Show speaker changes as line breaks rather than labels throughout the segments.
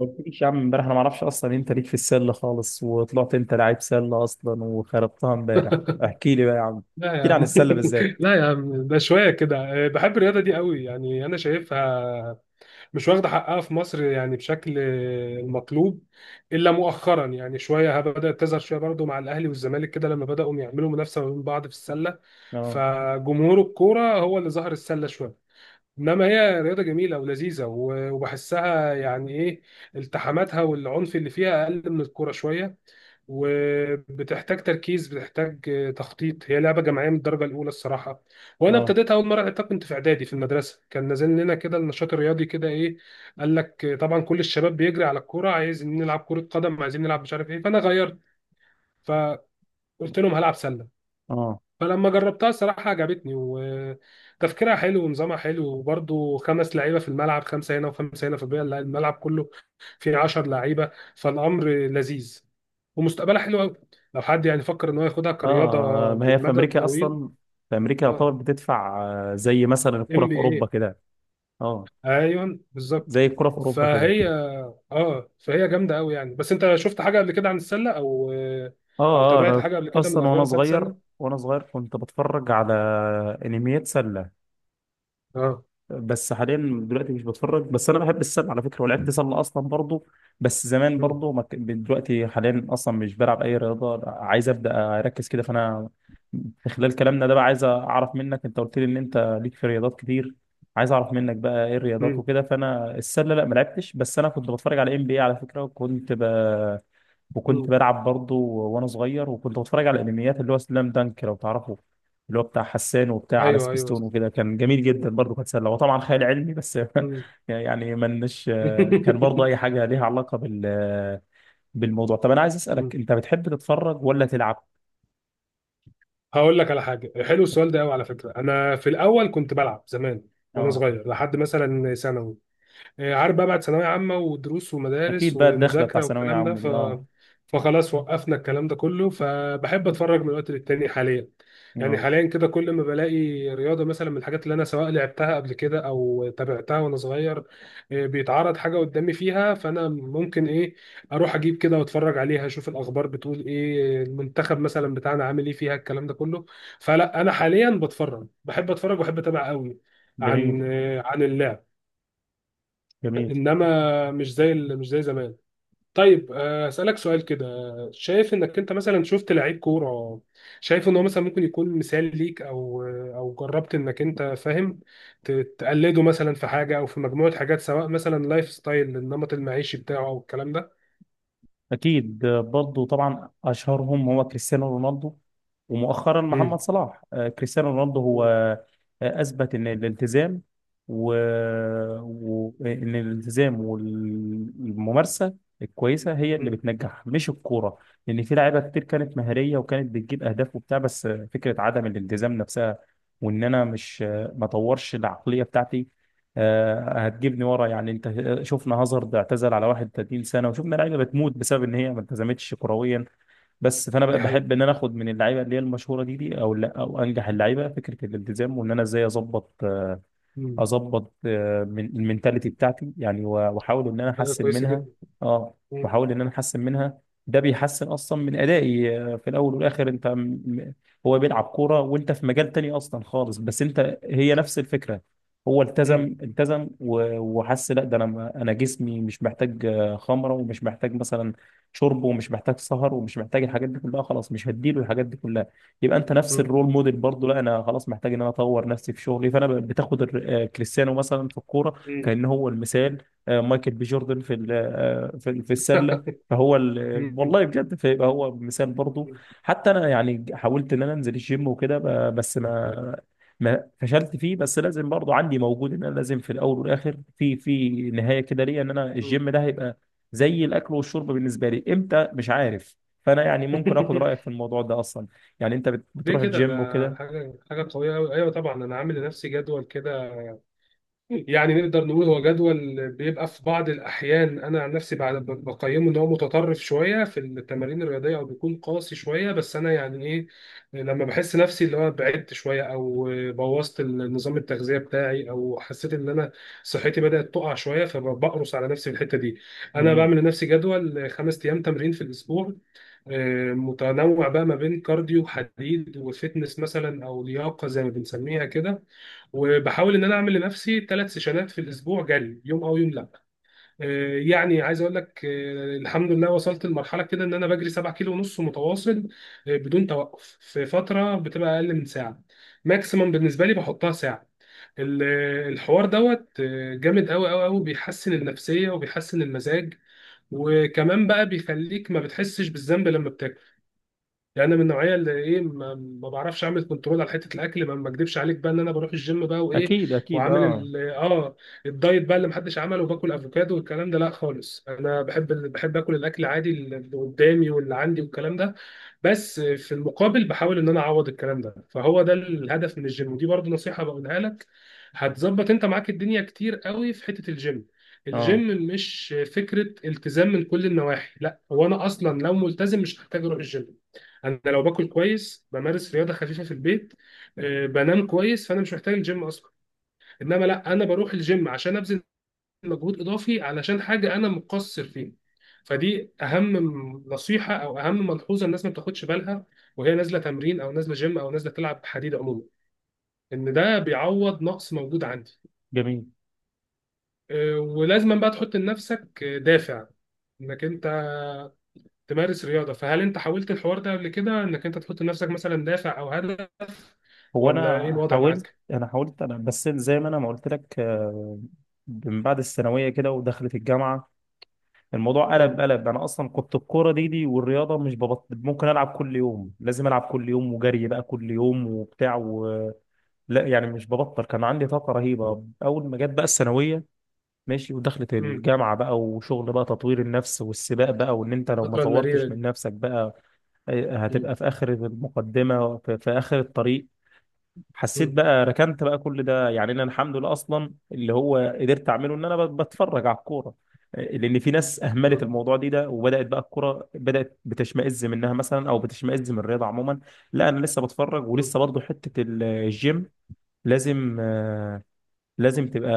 ما قلتليش يا عم، امبارح انا ما اعرفش اصلا انت ليك في السله خالص، وطلعت انت لعيب سله اصلا وخربتها امبارح. احكي لي بقى يا عم،
لا
احكي
يا
لي عن
عم.
السله بالذات.
لا يا عم ده شويه كده. بحب الرياضه دي قوي، يعني انا شايفها مش واخده حقها في مصر يعني بشكل المطلوب، الا مؤخرا يعني شويه بدات تظهر شويه برضو مع الاهلي والزمالك كده لما بداوا يعملوا منافسه ما بين بعض في السله.
اه.
فجمهور الكوره هو اللي ظهر السله شويه، انما هي رياضه جميله ولذيذه و- وبحسها يعني ايه، التحاماتها والعنف اللي فيها اقل من الكوره شويه، وبتحتاج تركيز، بتحتاج تخطيط. هي لعبه جماعيه من الدرجه الاولى الصراحه. وانا
اه.
ابتديتها اول مره لعبتها كنت في اعدادي في المدرسه، كان نازل لنا كده النشاط الرياضي كده ايه، قال لك طبعا كل الشباب بيجري على الكوره، عايزين نلعب كره قدم، عايزين نلعب مش عارف ايه، فانا غيرت، فقلت لهم هلعب سله.
اه.
فلما جربتها الصراحة عجبتني، وتفكيرها حلو، ونظامها حلو، وبرضه خمس لعيبة في الملعب، خمسة هنا وخمسة هنا، في البيئة الملعب كله فيه 10 لعيبة، فالأمر لذيذ ومستقبلها حلو أوي لو حد يعني فكر إن هو ياخدها كرياضة
اه. ما هي في
للمدى
امريكا
الطويل.
اصلا، في امريكا يعتبر
اه.
بتدفع. زي مثلا الكره
ام
في
بي اي.
اوروبا كده. اه.
أيوه بالظبط.
زي الكره في اوروبا كده.
فهي اه فهي جامدة أوي يعني. بس أنت شفت حاجة قبل كده عن السلة أو أو
اه، اه،
تابعت
انا
حاجة قبل كده من
اصلا، وانا
الأخبار بتاعت
صغير
السلة؟
وانا صغير كنت بتفرج على انميات سله.
اه.
بس حاليا دلوقتي مش بتفرج، بس انا بحب السله على فكره ولعبت سله اصلا برضو. بس زمان
مم.
برضو ما كان- دلوقتي حاليا اصلا مش بلعب اي رياضه، عايز ابدا اركز كده فانا في خلال كلامنا ده بقى عايز اعرف منك، انت قلت لي ان انت ليك في رياضات كتير، عايز اعرف منك بقى ايه الرياضات
مم.
وكده. فانا السله لا ما لعبتش، بس انا كنت بتفرج على NBA على فكره، وكنت
مم.
وكنت بلعب برضو وانا صغير، وكنت بتفرج على الانميات اللي هو سلام دانك لو تعرفه، اللي هو بتاع حسان وبتاع على
أيوه أيوه.
سبيستون وكده. كان جميل
آه،
جدا برضه، كانت سله وطبعا خيال علمي بس.
مم.
يعني منش كان برضه اي حاجه ليها علاقه بالموضوع. طب انا عايز اسالك، انت بتحب تتفرج ولا تلعب؟
هقول لك على حاجه، حلو السؤال ده قوي على فكره. انا في الاول كنت بلعب زمان وانا
اه.
صغير لحد مثلا ثانوي، عارف بقى بعد ثانوية عامة ودروس ومدارس
اكيد بقى الدخله بتاع
ومذاكرة
ثانويه
والكلام ده
عامه دي، اه.
فخلاص وقفنا الكلام ده كله. فبحب اتفرج من وقت للتاني حاليا، يعني
اه.
حاليا كده كل ما بلاقي رياضة مثلا من الحاجات اللي انا سواء لعبتها قبل كده او تابعتها وانا صغير، بيتعرض حاجة قدامي فيها فانا ممكن ايه اروح اجيب كده واتفرج عليها، اشوف الاخبار بتقول ايه، المنتخب مثلا بتاعنا عامل ايه فيها، الكلام ده كله. فلا انا حاليا بتفرج، بحب اتفرج وبحب اتابع قوي
جميل.
عن عن اللعب،
جميل.
انما مش زي مش زي زمان. طيب اسالك سؤال كده، شايف انك انت مثلا شفت لعيب كوره، شايف ان هو مثلا ممكن يكون مثال ليك او او جربت انك انت فاهم ت- تقلده مثلا في حاجه او في مجموعه حاجات، سواء مثلا لايف ستايل النمط المعيشي بتاعه او الكلام ده.
أكيد برضو طبعا أشهرهم هو كريستيانو رونالدو، ومؤخرا محمد
مم.
صلاح. كريستيانو رونالدو هو
مم.
أثبت إن الالتزام و... إن الالتزام والممارسة الكويسة هي اللي
مم.
بتنجح، مش الكورة. لأن في لعيبة كتير كانت مهارية وكانت بتجيب أهداف وبتاع، بس فكرة عدم الالتزام نفسها، وإن أنا مش ما طورش العقلية بتاعتي هتجيبني ورا يعني. انت شفنا هازارد اعتزل على 31 سنه، وشفنا لعيبه بتموت بسبب ان هي ما التزمتش كرويا. بس فانا بقى
دي حقيقه.
بحب ان انا اخد من اللعيبه اللي هي المشهوره دي او لا او انجح اللعيبه، فكره الالتزام، وان انا ازاي اظبط آه،
مم.
اظبط آه، من المينتاليتي بتاعتي، يعني واحاول ان انا
حاجه
احسن
كويسه
منها.
جدا.
اه.
مم.
واحاول ان انا احسن منها، ده بيحسن اصلا من ادائي في الاول والاخر. انت م- هو بيلعب كوره وانت في مجال تاني اصلا خالص، بس انت هي نفس الفكره. هو
مم.
التزم التزم وحس، لا ده انا انا جسمي مش محتاج خمره، ومش محتاج مثلا شرب، ومش محتاج سهر، ومش محتاج الحاجات دي كلها. خلاص مش هديله الحاجات دي كلها. يبقى انت نفس
مم.
الرول موديل برضه، لا انا خلاص محتاج ان انا اطور نفسي في شغلي. فانا بتاخد كريستيانو مثلا في الكوره
مم.
كان هو المثال، مايكل بي جوردن في في السله، فهو
مم.
والله بجد فيبقى هو مثال برضه.
مم.
حتى انا يعني حاولت ان انا انزل الجيم وكده بس ما فشلت فيه، بس لازم برضه عندي موجود ان انا لازم في الاول والاخر في نهايه كده ليا، ان انا
مم.
الجيم ده هيبقى زي الاكل والشرب بالنسبه لي، امتى مش عارف. فانا يعني ممكن اخد رايك في الموضوع ده اصلا. يعني انت
ليه
بتروح
كده ده؟
الجيم وكده؟
حاجه قويه قوي، ايوه طبعا انا عامل لنفسي جدول كده، يعني نقدر نقول هو جدول بيبقى في بعض الأحيان. أنا عن نفسي بعد بقيمه إن هو متطرف شوية في التمارين الرياضية أو بيكون قاسي شوية، بس أنا يعني إيه، لما بحس نفسي اللي هو بعدت شوية أو بوظت النظام التغذية بتاعي أو حسيت إن أنا صحتي بدأت تقع شوية، فبقرص على نفسي في الحتة دي. أنا
جميل.
بعمل لنفسي جدول 5 أيام تمرين في الأسبوع، متنوع بقى ما بين كارديو حديد وفتنس مثلا أو لياقة زي ما بنسميها كده. وبحاول ان انا اعمل لنفسي 3 سيشنات في الاسبوع، جري يوم او يوم لا. يعني عايز اقول لك الحمد لله وصلت لمرحله كده ان انا بجري 7 كيلو ونص متواصل، بدون توقف في فتره بتبقى اقل من ساعه. ماكسيمم بالنسبه لي بحطها ساعه. ال- الحوار دوت جامد قوي قوي قوي، بيحسن النفسيه وبيحسن المزاج، وكمان بقى بيخليك ما بتحسش بالذنب لما، يعني انا من النوعيه اللي ايه ما بعرفش اعمل كنترول على حته الاكل، ما اكدبش عليك بقى ان انا بروح الجيم بقى وايه،
اكيد، اكيد،
وعامل
اه،
الدايت بقى اللي محدش عمله، وباكل افوكادو والكلام ده لا خالص، انا بحب بحب اكل الاكل عادي اللي قدامي واللي عندي والكلام ده، بس في المقابل بحاول ان انا اعوض الكلام ده، فهو ده الهدف من الجيم. ودي برضو نصيحه بقولها لك، هتظبط انت معاك الدنيا كتير قوي في حته الجيم.
اه.
الجيم مش فكره التزام من كل النواحي، لا، هو انا اصلا لو ملتزم مش هحتاج اروح الجيم، انا لو باكل كويس، بمارس رياضه خفيفه في البيت، بنام كويس، فانا مش محتاج الجيم اصلا. انما لا، انا بروح الجيم عشان ابذل مجهود اضافي علشان حاجه انا مقصر فيها. فدي اهم نصيحه او اهم ملحوظه الناس ما بتاخدش بالها وهي نازله تمرين او نازله جيم او نازله تلعب حديد عموما، ان ده بيعوض نقص موجود عندي.
جميل.
ولازما بقى تحط لنفسك دافع انك انت تمارس رياضه. فهل انت حاولت الحوار ده قبل كده انك انت تحط لنفسك مثلا دافع او هدف،
هو
ولا ايه
انا
الوضع
حاولت
معاك؟
انا حاولت انا، بس زي ما انا ما قلت لك من بعد الثانويه كده ودخلت الجامعه، الموضوع قلب قلب. انا اصلا كنت الكوره دي والرياضه مش ممكن العب كل يوم، لازم العب كل يوم وجري بقى كل يوم وبتاع لا يعني مش ببطل، كان عندي طاقه رهيبه اول ما جت بقى الثانويه. ماشي، ودخلت
مم.
الجامعه بقى، وشغل بقى تطوير النفس والسباق بقى، وان انت لو ما
الفترة المريرة
طورتش
دي.
من نفسك بقى
مم.
هتبقى في اخر المقدمه، في اخر الطريق. حسيت
مم.
بقى ركنت بقى كل ده، يعني انا الحمد لله اصلا اللي هو قدرت اعمله ان انا بتفرج على الكوره، لان في ناس اهملت
مم.
الموضوع ده وبدات بقى الكوره بدات بتشمئز منها مثلا، او بتشمئز من الرياضه عموما. لا انا لسه بتفرج،
مم.
ولسه برضو حته الجيم لازم آه، لازم تبقى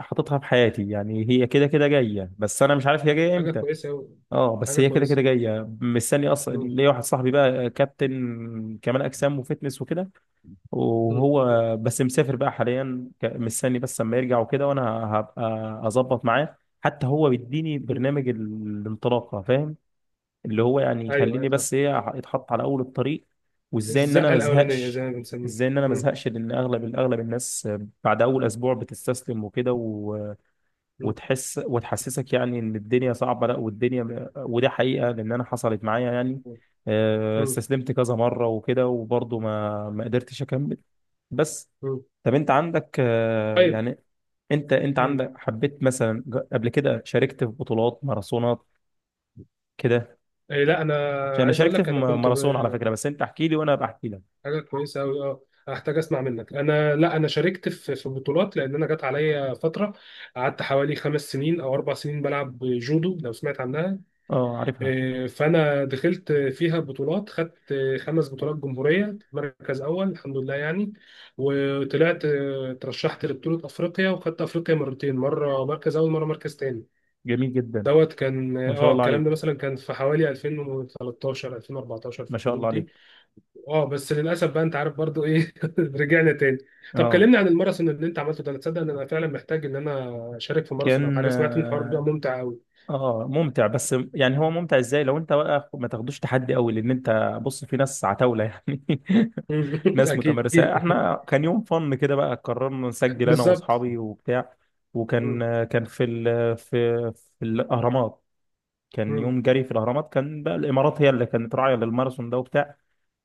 حاططها في حياتي، يعني هي كده كده جايه، بس انا مش عارف هي جايه
حاجة
امتى.
كويسة أوي.
اه بس
حاجة
هي كده كده
كويسة.
جايه. مستني اصلا
مم.
ليا واحد صاحبي بقى، كابتن كمال اجسام وفتنس وكده،
مم.
وهو بس مسافر بقى حاليا، مستني بس لما يرجع وكده، وانا هبقى اظبط معاه. حتى هو بيديني
مم.
برنامج الانطلاقه، فاهم؟ اللي هو يعني
أيوه أيوه
يخليني
فاهم.
بس ايه، اتحط على اول الطريق، وازاي ان انا
الزقة
ما
الأولانية زي
ازهقش.
ما بنسميها. مم.
لان اغلب، اغلب الناس بعد اول اسبوع بتستسلم وكده،
مم.
وتحس وتحسسك يعني ان الدنيا صعبه. لا والدنيا، وده حقيقه، لان انا حصلت معايا يعني
مم.
استسلمت كذا مره وكده، وبرضه ما قدرتش اكمل. بس
مم.
طب انت عندك
طيب.
يعني انت
مم.
عندك، حبيت مثلا، قبل كده شاركت في بطولات ماراثونات كده؟
إيه، لا أنا
عشان انا
عايز أقول
شاركت في
لك، أنا كنت
ماراثون على فكره. بس انت احكي لي وانا بحكي لك.
حاجة كويسة أوي أه، هحتاج أسمع منك. أنا لا، أنا شاركت في بطولات، لأن أنا جت عليا فترة قعدت حوالي 5 سنين أو 4 سنين بلعب جودو لو سمعت عنها.
اه، عارفها.
إيه، فانا دخلت فيها بطولات، خدت خمس بطولات جمهوريه مركز اول، الحمد لله يعني. وطلعت ترشحت لبطوله افريقيا وخدت افريقيا مرتين، مره مركز اول مره مركز تاني.
جميل جدا.
دوت كان
ما شاء
اه
الله
الكلام ده
عليك،
مثلا كان في حوالي 2013 2014 في
ما شاء الله
الحدود دي.
عليك.
اه بس للاسف بقى انت عارف برضو ايه، رجعنا تاني. طب
اه.
كلمني عن الماراثون اللي انت عملته ده، انا تصدق ان انا فعلا محتاج ان انا اشارك في ماراثون او
كان
حاجه، سمعت ان الحوار ده ممتع قوي.
اه ممتع، بس يعني هو ممتع ازاي لو انت بقى ما تاخدوش تحدي قوي؟ لان انت بص، في ناس عتاولة يعني، ناس
اكيد.
متمرسة. احنا كان يوم فن كده بقى، قررنا نسجل انا
بالظبط.
واصحابي وبتاع. وكان في ال في في الاهرامات كان
مم.
يوم جري في الاهرامات، كان بقى الامارات هي اللي كانت راعية للماراثون ده وبتاع،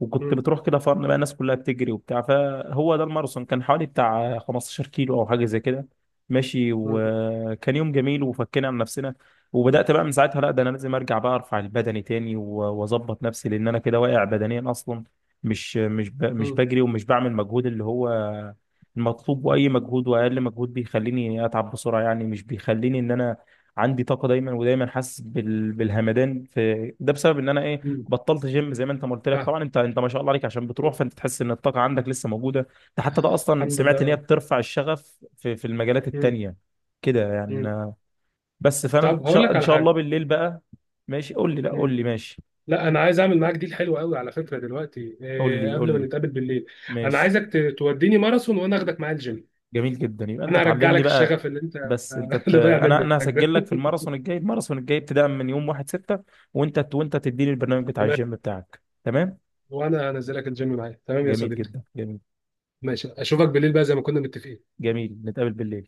وكنت
مم.
بتروح كده فرن بقى. الناس كلها بتجري وبتاع، فهو ده الماراثون، كان حوالي بتاع 15 كيلو او حاجه زي كده، ماشي.
مم.
وكان يوم جميل، وفكينا عن نفسنا. وبدات بقى من ساعتها، لا ده انا لازم ارجع بقى، ارفع البدني تاني واظبط نفسي، لان انا كده واقع بدنيا اصلا، مش
مم.
بجري ومش بعمل مجهود اللي هو المطلوب. واي مجهود، واقل مجهود بيخليني اتعب بسرعه، يعني مش بيخليني ان انا عندي طاقه دايما. ودايما حاسس بالهمدان في ده، بسبب ان انا
مم.
بطلت جيم. زي ما انت ما قلت لك،
فاهم.
طبعا انت ما شاء الله عليك عشان بتروح،
مم.
فانت تحس ان الطاقه عندك لسه موجوده. ده حتى ده اصلا
الحمد لله
سمعت ان هي
آه.
بترفع الشغف في المجالات
مم.
التانيه كده
مم.
يعني. بس فانا ان
طب هقول
شاء
لك
ان
على
شاء الله
حاجه.
بالليل بقى. ماشي قول لي، لا قول
مم.
لي ماشي،
لا انا عايز اعمل معاك ديل حلو قوي على فكره دلوقتي،
قول
إيه
لي
قبل
قول
ما
لي
نتقابل بالليل، انا
ماشي.
عايزك توديني ماراثون وانا اخدك معايا الجيم،
جميل جدا، يبقى انت
انا هرجع
تعلمني
لك
بقى.
الشغف اللي انت
بس انت
اللي ضايع
انا
منك
انا
ده.
هسجل لك في الماراثون الجاي ابتداء من يوم 1/6، وانت تديني البرنامج بتاع
تمام.
الجيم بتاعك، تمام.
وانا هنزلك الجيم معايا، تمام يا
جميل
صديقي.
جدا، جميل.
ماشي اشوفك بالليل بقى زي ما كنا متفقين.
جميل. نتقابل بالليل.